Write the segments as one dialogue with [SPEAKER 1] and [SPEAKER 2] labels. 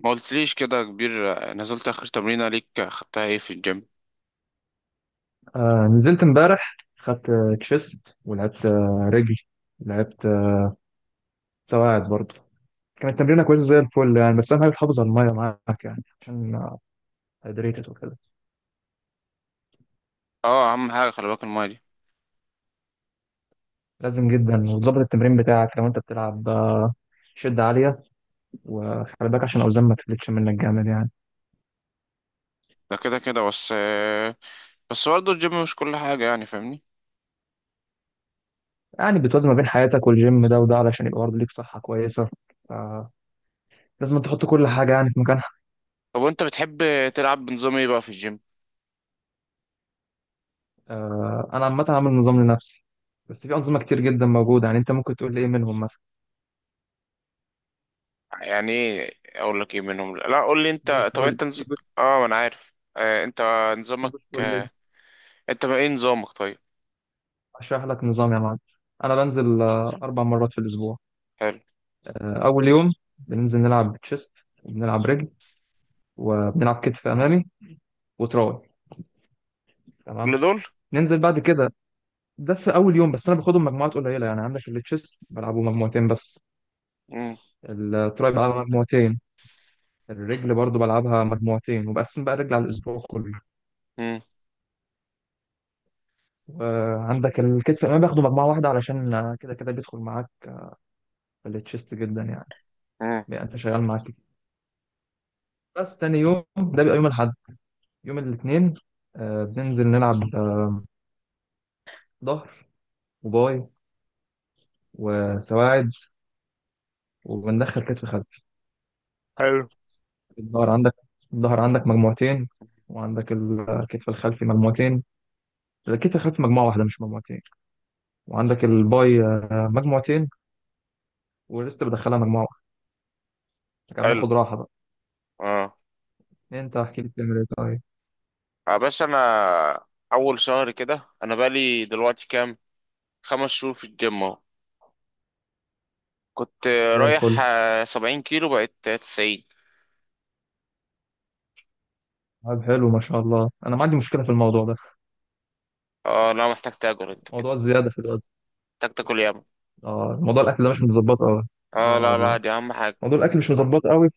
[SPEAKER 1] ما قلتليش كده يا كبير. نزلت اخر تمرينه ليك، خدتها ايه في الجيم؟
[SPEAKER 2] آه، نزلت امبارح خدت تشيست ولعبت رجل. لعبت سواعد برضه. كانت تمرينة كويسة زي الفل يعني، بس أهم حاجة تحافظ على المية معاك يعني عشان هيدريتد وكده.
[SPEAKER 1] اه اهم حاجه خلي بالك المايه دي.
[SPEAKER 2] لازم جدا، وتظبط التمرين بتاعك لو أنت بتلعب شدة عالية، وخلي بالك عشان الأوزان ما تفلتش منك جامد يعني.
[SPEAKER 1] ده كده كده. بس بس برضه الجيم مش كل حاجه يعني، فاهمني؟
[SPEAKER 2] يعني بتوازن ما بين حياتك والجيم، ده وده علشان يبقى برضه ليك صحة كويسة، فلازم تحط كل حاجة يعني في مكانها.
[SPEAKER 1] طب وانت بتحب تلعب بنظام ايه بقى في الجيم؟
[SPEAKER 2] آه، أنا عامل نظام لنفسي، بس في أنظمة كتير جدا موجودة يعني، أنت ممكن تقول لي إيه منهم.
[SPEAKER 1] يعني ايه اقول لك ايه منهم، لا قول لي
[SPEAKER 2] بوش
[SPEAKER 1] انت. طب
[SPEAKER 2] بول
[SPEAKER 1] انت
[SPEAKER 2] في بوش
[SPEAKER 1] اه ما انا عارف، انت
[SPEAKER 2] في
[SPEAKER 1] نظامك
[SPEAKER 2] بوش بول ليج.
[SPEAKER 1] انت بقى ايه نظامك طيب؟
[SPEAKER 2] اشرح لك نظام يا معلم. انا بنزل 4 مرات في الاسبوع.
[SPEAKER 1] حلو.
[SPEAKER 2] اول يوم بننزل نلعب تشيست، وبنلعب رجل، وبنلعب كتف امامي وتراي. تمام.
[SPEAKER 1] كل دول؟
[SPEAKER 2] ننزل بعد كده، ده في اول يوم بس. انا باخدهم مجموعات قليله يعني، عندك التشيست بلعبه مجموعتين بس،
[SPEAKER 1] مم.
[SPEAKER 2] التراي بلعبها مجموعتين، الرجل برضو بلعبها مجموعتين وبقسم بقى الرجل على الاسبوع كله.
[SPEAKER 1] مم.
[SPEAKER 2] وعندك الكتف الامامي باخده مجموعه واحده، علشان كده كده بيدخل معاك في التشيست جدا يعني،
[SPEAKER 1] مم.
[SPEAKER 2] بيبقى انت شغال معاك. بس تاني يوم ده بيبقى يوم الأحد، يوم الاثنين، آه بننزل نلعب ظهر وباي وسواعد، وبندخل كتف خلفي.
[SPEAKER 1] حلو.
[SPEAKER 2] الظهر عندك، الظهر عندك مجموعتين، وعندك الكتف الخلفي مجموعتين. الكتف الخلفي مجموعة واحدة مش مجموعتين. وعندك الباي مجموعتين، والريست بدخلها مجموعة واحدة. كده
[SPEAKER 1] حلو.
[SPEAKER 2] بناخد راحة بقى.
[SPEAKER 1] اه،
[SPEAKER 2] انت احكي لي بتعمل ايه طيب.
[SPEAKER 1] بس انا اول شهر كده انا بقالي دلوقتي كام؟ 5 شهور في الجيم اهو. كنت
[SPEAKER 2] زي الفل.
[SPEAKER 1] رايح 70 كيلو، بقيت 90.
[SPEAKER 2] طيب حلو ما شاء الله، انا ما عندي مشكلة في الموضوع ده،
[SPEAKER 1] اه لا، محتاج تاكل انت كده.
[SPEAKER 2] موضوع الزيادة في الوزن.
[SPEAKER 1] محتاج تاكل ياما.
[SPEAKER 2] اه موضوع الاكل ده مش متظبط اه.
[SPEAKER 1] اه
[SPEAKER 2] اه
[SPEAKER 1] لا لا،
[SPEAKER 2] والله،
[SPEAKER 1] دي اهم حاجة.
[SPEAKER 2] موضوع الاكل مش مظبط قوي،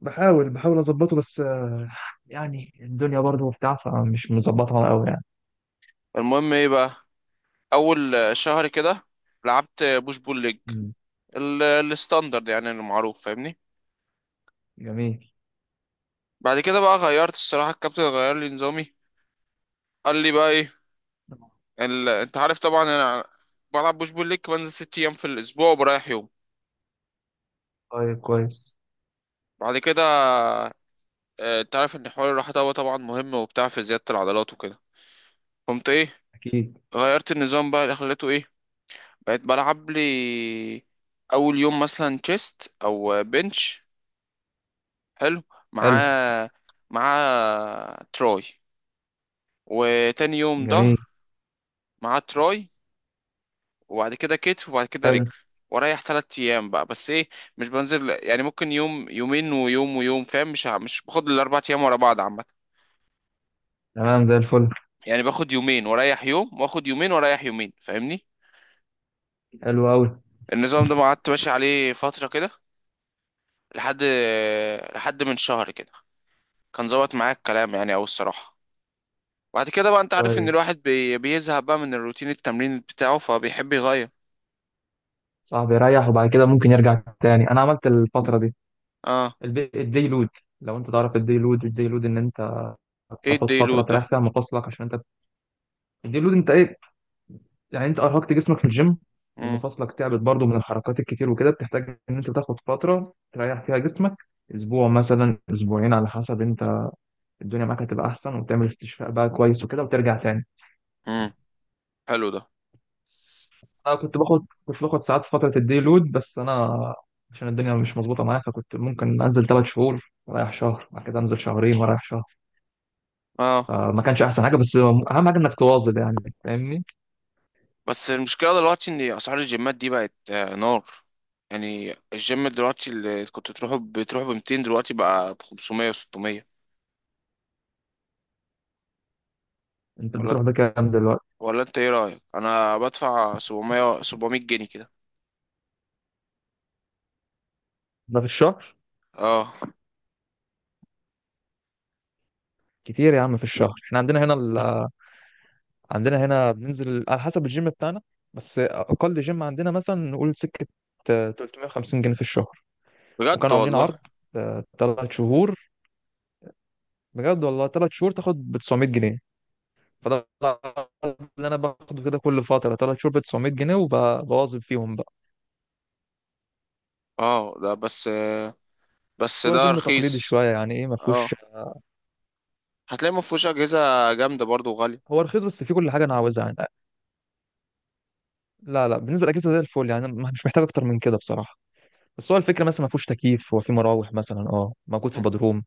[SPEAKER 2] بحاول اظبطه، بس يعني الدنيا برضه وبتاع، فمش مظبطها قوي يعني.
[SPEAKER 1] المهم ايه بقى؟ اول شهر كده لعبت بوش بول ليج،
[SPEAKER 2] مم.
[SPEAKER 1] الستاندرد يعني المعروف، فاهمني؟
[SPEAKER 2] جميل.
[SPEAKER 1] بعد كده بقى غيرت الصراحة، الكابتن غير لي نظامي. قال لي بقى ايه، انت عارف طبعا انا بلعب بوش بول ليج، بنزل 6 ايام في الاسبوع وبريح يوم.
[SPEAKER 2] طيب كويس.
[SPEAKER 1] بعد كده انت عارف ان حوار الراحة ده هو طبعا مهم وبتاع في زيادة العضلات وكده. قمت ايه؟
[SPEAKER 2] اكيد.
[SPEAKER 1] غيرت النظام بقى، اللي خليته ايه؟ بقيت بلعب لي اول يوم مثلا تشيست او بنش، حلو، مع
[SPEAKER 2] حلو.
[SPEAKER 1] مع تراي، وتاني يوم
[SPEAKER 2] جميل.
[SPEAKER 1] ظهر مع تراي، وبعد كده كتف، وبعد كده
[SPEAKER 2] حلو.
[SPEAKER 1] رجل. واريح تلات ايام بقى، بس ايه، مش بنزل يعني، ممكن يوم يومين ويوم ويوم، فاهم؟ مش مش باخد الاربع ايام ورا بعض عامه.
[SPEAKER 2] تمام زي الفل.
[SPEAKER 1] يعني باخد يومين واريح يوم، واخد يومين واريح يومين، فاهمني؟
[SPEAKER 2] حلو قوي.
[SPEAKER 1] النظام ده ما قعدت ماشي عليه فتره كده، لحد لحد من شهر كده، كان ظبط معايا الكلام يعني أوي الصراحة. بعد كده بقى أنت عارف إن
[SPEAKER 2] كويس.
[SPEAKER 1] الواحد بيزهق بقى من الروتين التمرين بتاعه، فبيحب يغير.
[SPEAKER 2] صاحبي يريح وبعد كده ممكن يرجع تاني. انا عملت الفتره دي
[SPEAKER 1] اه،
[SPEAKER 2] الدي لود. لو انت تعرف الدي لود، ان انت
[SPEAKER 1] ايه
[SPEAKER 2] بتاخد فتره
[SPEAKER 1] الديلود ده؟
[SPEAKER 2] تريح فيها مفاصلك عشان انت. الدي لود انت ايه؟ يعني انت ارهقت جسمك في الجيم،
[SPEAKER 1] مم.
[SPEAKER 2] ومفاصلك تعبت برضو من الحركات الكتير وكده، بتحتاج ان انت تاخد فتره تريح فيها جسمك، اسبوع مثلا، اسبوعين، على حسب انت. الدنيا معاك هتبقى احسن، وتعمل استشفاء بقى كويس وكده وترجع تاني.
[SPEAKER 1] مم. حلو ده.
[SPEAKER 2] انا كنت باخد ساعات في فتره الدي لود، بس انا عشان الدنيا مش مظبوطه معايا، فكنت ممكن انزل 3 شهور ورايح شهر، بعد كده انزل شهرين ورايح شهر.
[SPEAKER 1] اه
[SPEAKER 2] فما كانش احسن حاجه، بس اهم حاجه انك تواظب يعني فاهمني.
[SPEAKER 1] بس المشكلة دلوقتي إن أسعار الجيمات دي بقت آه نار. يعني الجيم دلوقتي اللي كنت تروحه بتروح ب 200، دلوقتي بقى ب 500 و600.
[SPEAKER 2] انت
[SPEAKER 1] ولا
[SPEAKER 2] بتروح بكام دلوقتي؟
[SPEAKER 1] ولا انت ايه رأيك، انا بدفع 700 700 جنيه كده.
[SPEAKER 2] ده في الشهر؟
[SPEAKER 1] اه
[SPEAKER 2] كتير يا عم في الشهر. احنا عندنا هنا ال، عندنا هنا بننزل على حسب الجيم بتاعنا. بس اقل جيم عندنا مثلا نقول سكه، 350 جنيه في الشهر.
[SPEAKER 1] بجد
[SPEAKER 2] وكانوا عاملين
[SPEAKER 1] والله.
[SPEAKER 2] عرض، 3 شهور، بجد والله، 3 شهور تاخد ب 900 جنيه. فده العرض اللي انا باخده كده كل فتره، 3 شهور ب 900 جنيه وبواظب فيهم بقى.
[SPEAKER 1] اه ده بس بس
[SPEAKER 2] بس هو
[SPEAKER 1] ده
[SPEAKER 2] جيم تقليدي
[SPEAKER 1] رخيص.
[SPEAKER 2] شويه يعني، ايه، ما فيهوش.
[SPEAKER 1] اه، هتلاقي ما فيهوش اجهزه جامده برضو وغاليه.
[SPEAKER 2] هو رخيص، بس فيه كل حاجه انا عاوزها يعني. لا لا بالنسبه للاجهزه زي الفل يعني، أنا مش محتاج اكتر من كده بصراحه. بس هو الفكره مثلا ما فيهوش تكييف، هو فيه مراوح مثلا، اه موجود في
[SPEAKER 1] مم.
[SPEAKER 2] بدروم.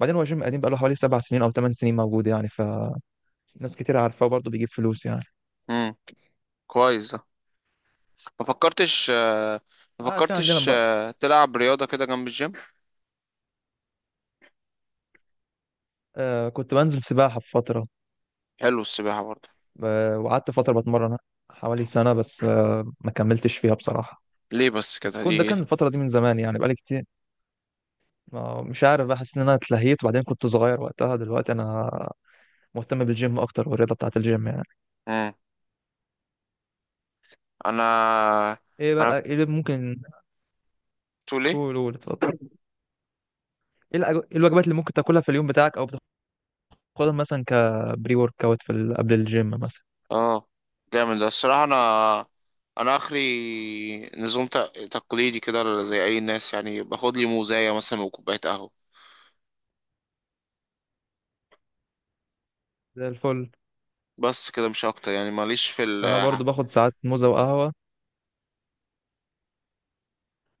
[SPEAKER 2] بعدين هو جيم قديم، بقاله حوالي 7 سنين او 8 سنين موجود يعني، فناس كتير عارفاه، وبرضه بيجيب فلوس يعني.
[SPEAKER 1] مم. كويس ده. ما فكرتش ما
[SPEAKER 2] اه في
[SPEAKER 1] فكرتش تلعب رياضه كده جنب الجيم؟
[SPEAKER 2] آه كنت بنزل سباحة في فترة.
[SPEAKER 1] حلو السباحه برضو.
[SPEAKER 2] آه وقعدت فترة بتمرن، حوالي سنة، بس آه ما كملتش فيها بصراحة.
[SPEAKER 1] ليه بس
[SPEAKER 2] بس
[SPEAKER 1] كده دي
[SPEAKER 2] كنت، ده
[SPEAKER 1] إيه؟
[SPEAKER 2] كان الفترة دي من زمان يعني، بقالي كتير. مش عارف، بحس ان انا اتلهيت، وبعدين كنت صغير وقتها، دلوقتي انا مهتم بالجيم اكتر، والرياضة بتاعة الجيم يعني.
[SPEAKER 1] مم. انا
[SPEAKER 2] ايه
[SPEAKER 1] انا
[SPEAKER 2] بقى ايه اللي ممكن؟
[SPEAKER 1] تقول ايه؟
[SPEAKER 2] قول قول اتفضل. ايه الأج- إيه الوجبات اللي ممكن تاكلها في اليوم بتاعك، او بتاخدها مثلا كبري ورك اوت قبل الجيم مثلا.
[SPEAKER 1] اه جامد ده الصراحه. انا اخري نظام تقليدي كده زي اي ناس، يعني باخد لي موزايه مثلا وكوبايه قهوه،
[SPEAKER 2] زي الفل.
[SPEAKER 1] بس كده مش اكتر يعني، ماليش في ال-
[SPEAKER 2] انا برضو باخد ساعات موزة وقهوة،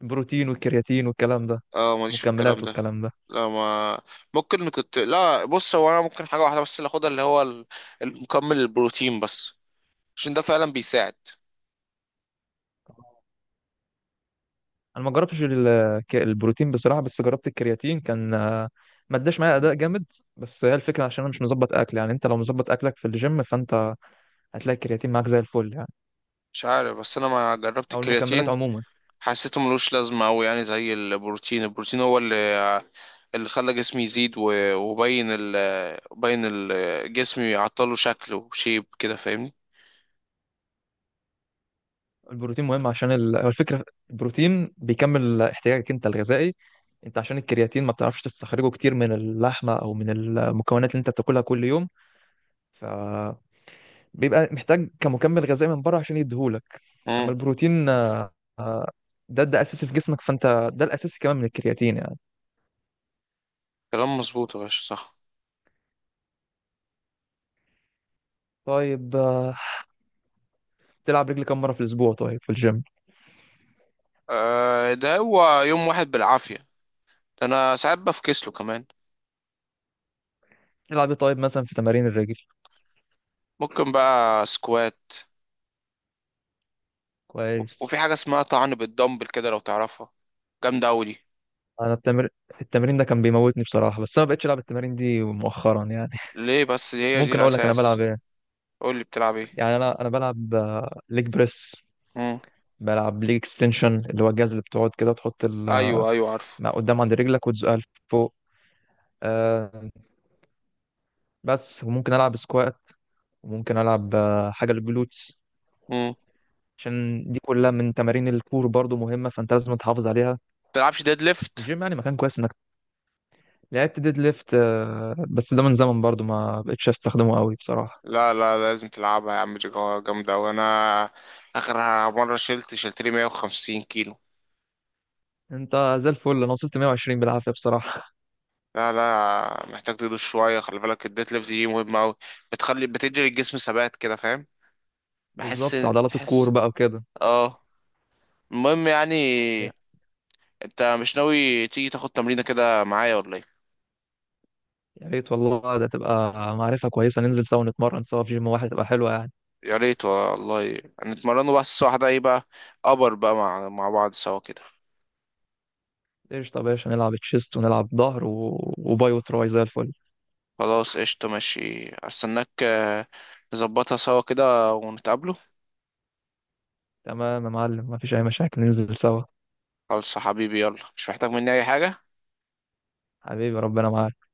[SPEAKER 2] بروتين والكرياتين والكلام ده،
[SPEAKER 1] اه ماليش في الكلام
[SPEAKER 2] مكملات
[SPEAKER 1] ده.
[SPEAKER 2] والكلام ده.
[SPEAKER 1] لا ما ممكن كنت، لا بص، هو انا ممكن حاجه واحده بس اللي اخدها، اللي هو المكمل، البروتين بس، عشان ده فعلا بيساعد.
[SPEAKER 2] انا ما جربتش البروتين بصراحة، بس جربت الكرياتين، كان آه، ما اداش معايا اداء جامد. بس هي الفكرة عشان انا مش مظبط اكل يعني، انت لو مظبط اكلك في الجيم فانت هتلاقي الكرياتين معاك زي الفل يعني،
[SPEAKER 1] مش عارف بس انا ما جربت
[SPEAKER 2] او المكملات
[SPEAKER 1] الكرياتين،
[SPEAKER 2] عموما.
[SPEAKER 1] حسيته ملوش لازمه قوي يعني، زي البروتين. البروتين هو اللي اللي خلى جسمي يزيد وبين ال بين ال جسمي، عطله شكله وشيب كده، فاهمني؟
[SPEAKER 2] البروتين مهم عشان هو الفكرة، البروتين بيكمل احتياجك انت الغذائي. انت عشان الكرياتين ما بتعرفش تستخرجه كتير من اللحمة او من المكونات اللي انت بتاكلها كل يوم، بيبقى محتاج كمكمل غذائي من بره عشان يديهولك. اما
[SPEAKER 1] امم،
[SPEAKER 2] البروتين، ده اساسي في جسمك، فانت ده الاساسي كمان من الكرياتين يعني.
[SPEAKER 1] كلام مظبوط يا باشا صح.
[SPEAKER 2] طيب، تلعب رجل كم مره في الاسبوع طيب في الجيم؟
[SPEAKER 1] آه ده هو يوم واحد بالعافيه، ده انا ساعات بفكسله كمان.
[SPEAKER 2] تلعب ايه طيب مثلا في تمارين الرجل؟
[SPEAKER 1] ممكن بقى سكوات،
[SPEAKER 2] كويس.
[SPEAKER 1] وفي حاجة اسمها طعن بالدمبل كده لو تعرفها، جامدة أوي دي.
[SPEAKER 2] انا التمرين ده كان بيموتني بصراحه، بس انا ما بقتش العب التمارين دي مؤخرا يعني.
[SPEAKER 1] ليه بس، دي هي دي
[SPEAKER 2] ممكن اقول لك انا
[SPEAKER 1] الأساس.
[SPEAKER 2] بلعب ايه؟
[SPEAKER 1] قول لي بتلعب ايه.
[SPEAKER 2] يعني انا بلعب ليج بريس،
[SPEAKER 1] مم.
[SPEAKER 2] بلعب ليج اكستنشن اللي هو الجهاز اللي بتقعد كده تحط ال... آه،
[SPEAKER 1] أيوه أيوه عارفه.
[SPEAKER 2] قدام عند رجلك وتزقها لفوق. آه، بس، وممكن العب سكوات، وممكن العب حاجه للجلوتس،
[SPEAKER 1] مم.
[SPEAKER 2] عشان دي كلها من تمارين الكور برضو مهمه، فانت لازم تحافظ عليها.
[SPEAKER 1] بتلعبش ديد ليفت؟
[SPEAKER 2] الجيم يعني مكان كويس انك لعبت ديد ليفت. بس ده من زمن برضو، ما بقتش استخدمه قوي بصراحه.
[SPEAKER 1] لا لا لازم تلعبها يا عم، دي جامدة أوي. أنا آخر مرة شلت لي 150 كيلو.
[SPEAKER 2] انت زي الفل، انا وصلت 120 بالعافيه بصراحه.
[SPEAKER 1] لا لا، محتاج تدوس شوية، خلي بالك الديد ليفت دي مهمة أوي، بتخلي، بتدي الجسم ثبات كده، فاهم؟ بحس
[SPEAKER 2] بالظبط، عضلات الكور
[SPEAKER 1] بحس
[SPEAKER 2] بقى وكده.
[SPEAKER 1] اه، المهم يعني
[SPEAKER 2] يا
[SPEAKER 1] انت مش ناوي تيجي تاخد تمرينة كده معايا ولا ايه؟
[SPEAKER 2] يا ريت والله، ده تبقى معرفه كويسه، ننزل سوا نتمرن سوا في جيم واحد تبقى حلوه يعني.
[SPEAKER 1] يا ريت والله. نتمرنوا بس الساعة واحدة ايه بقى، أبر بقى مع مع بعض سوا كده.
[SPEAKER 2] ايش طب يا باشا، نلعب تشيست ونلعب ظهر و... وباي وتراي زي الفل.
[SPEAKER 1] خلاص قشطة ماشي، استناك نظبطها سوا كده ونتقابلوا.
[SPEAKER 2] تمام يا معلم، مفيش اي مشاكل ننزل سوا.
[SPEAKER 1] خلاص يا حبيبي يلا، مش محتاج مني أي حاجة.
[SPEAKER 2] حبيبي ربنا معاك.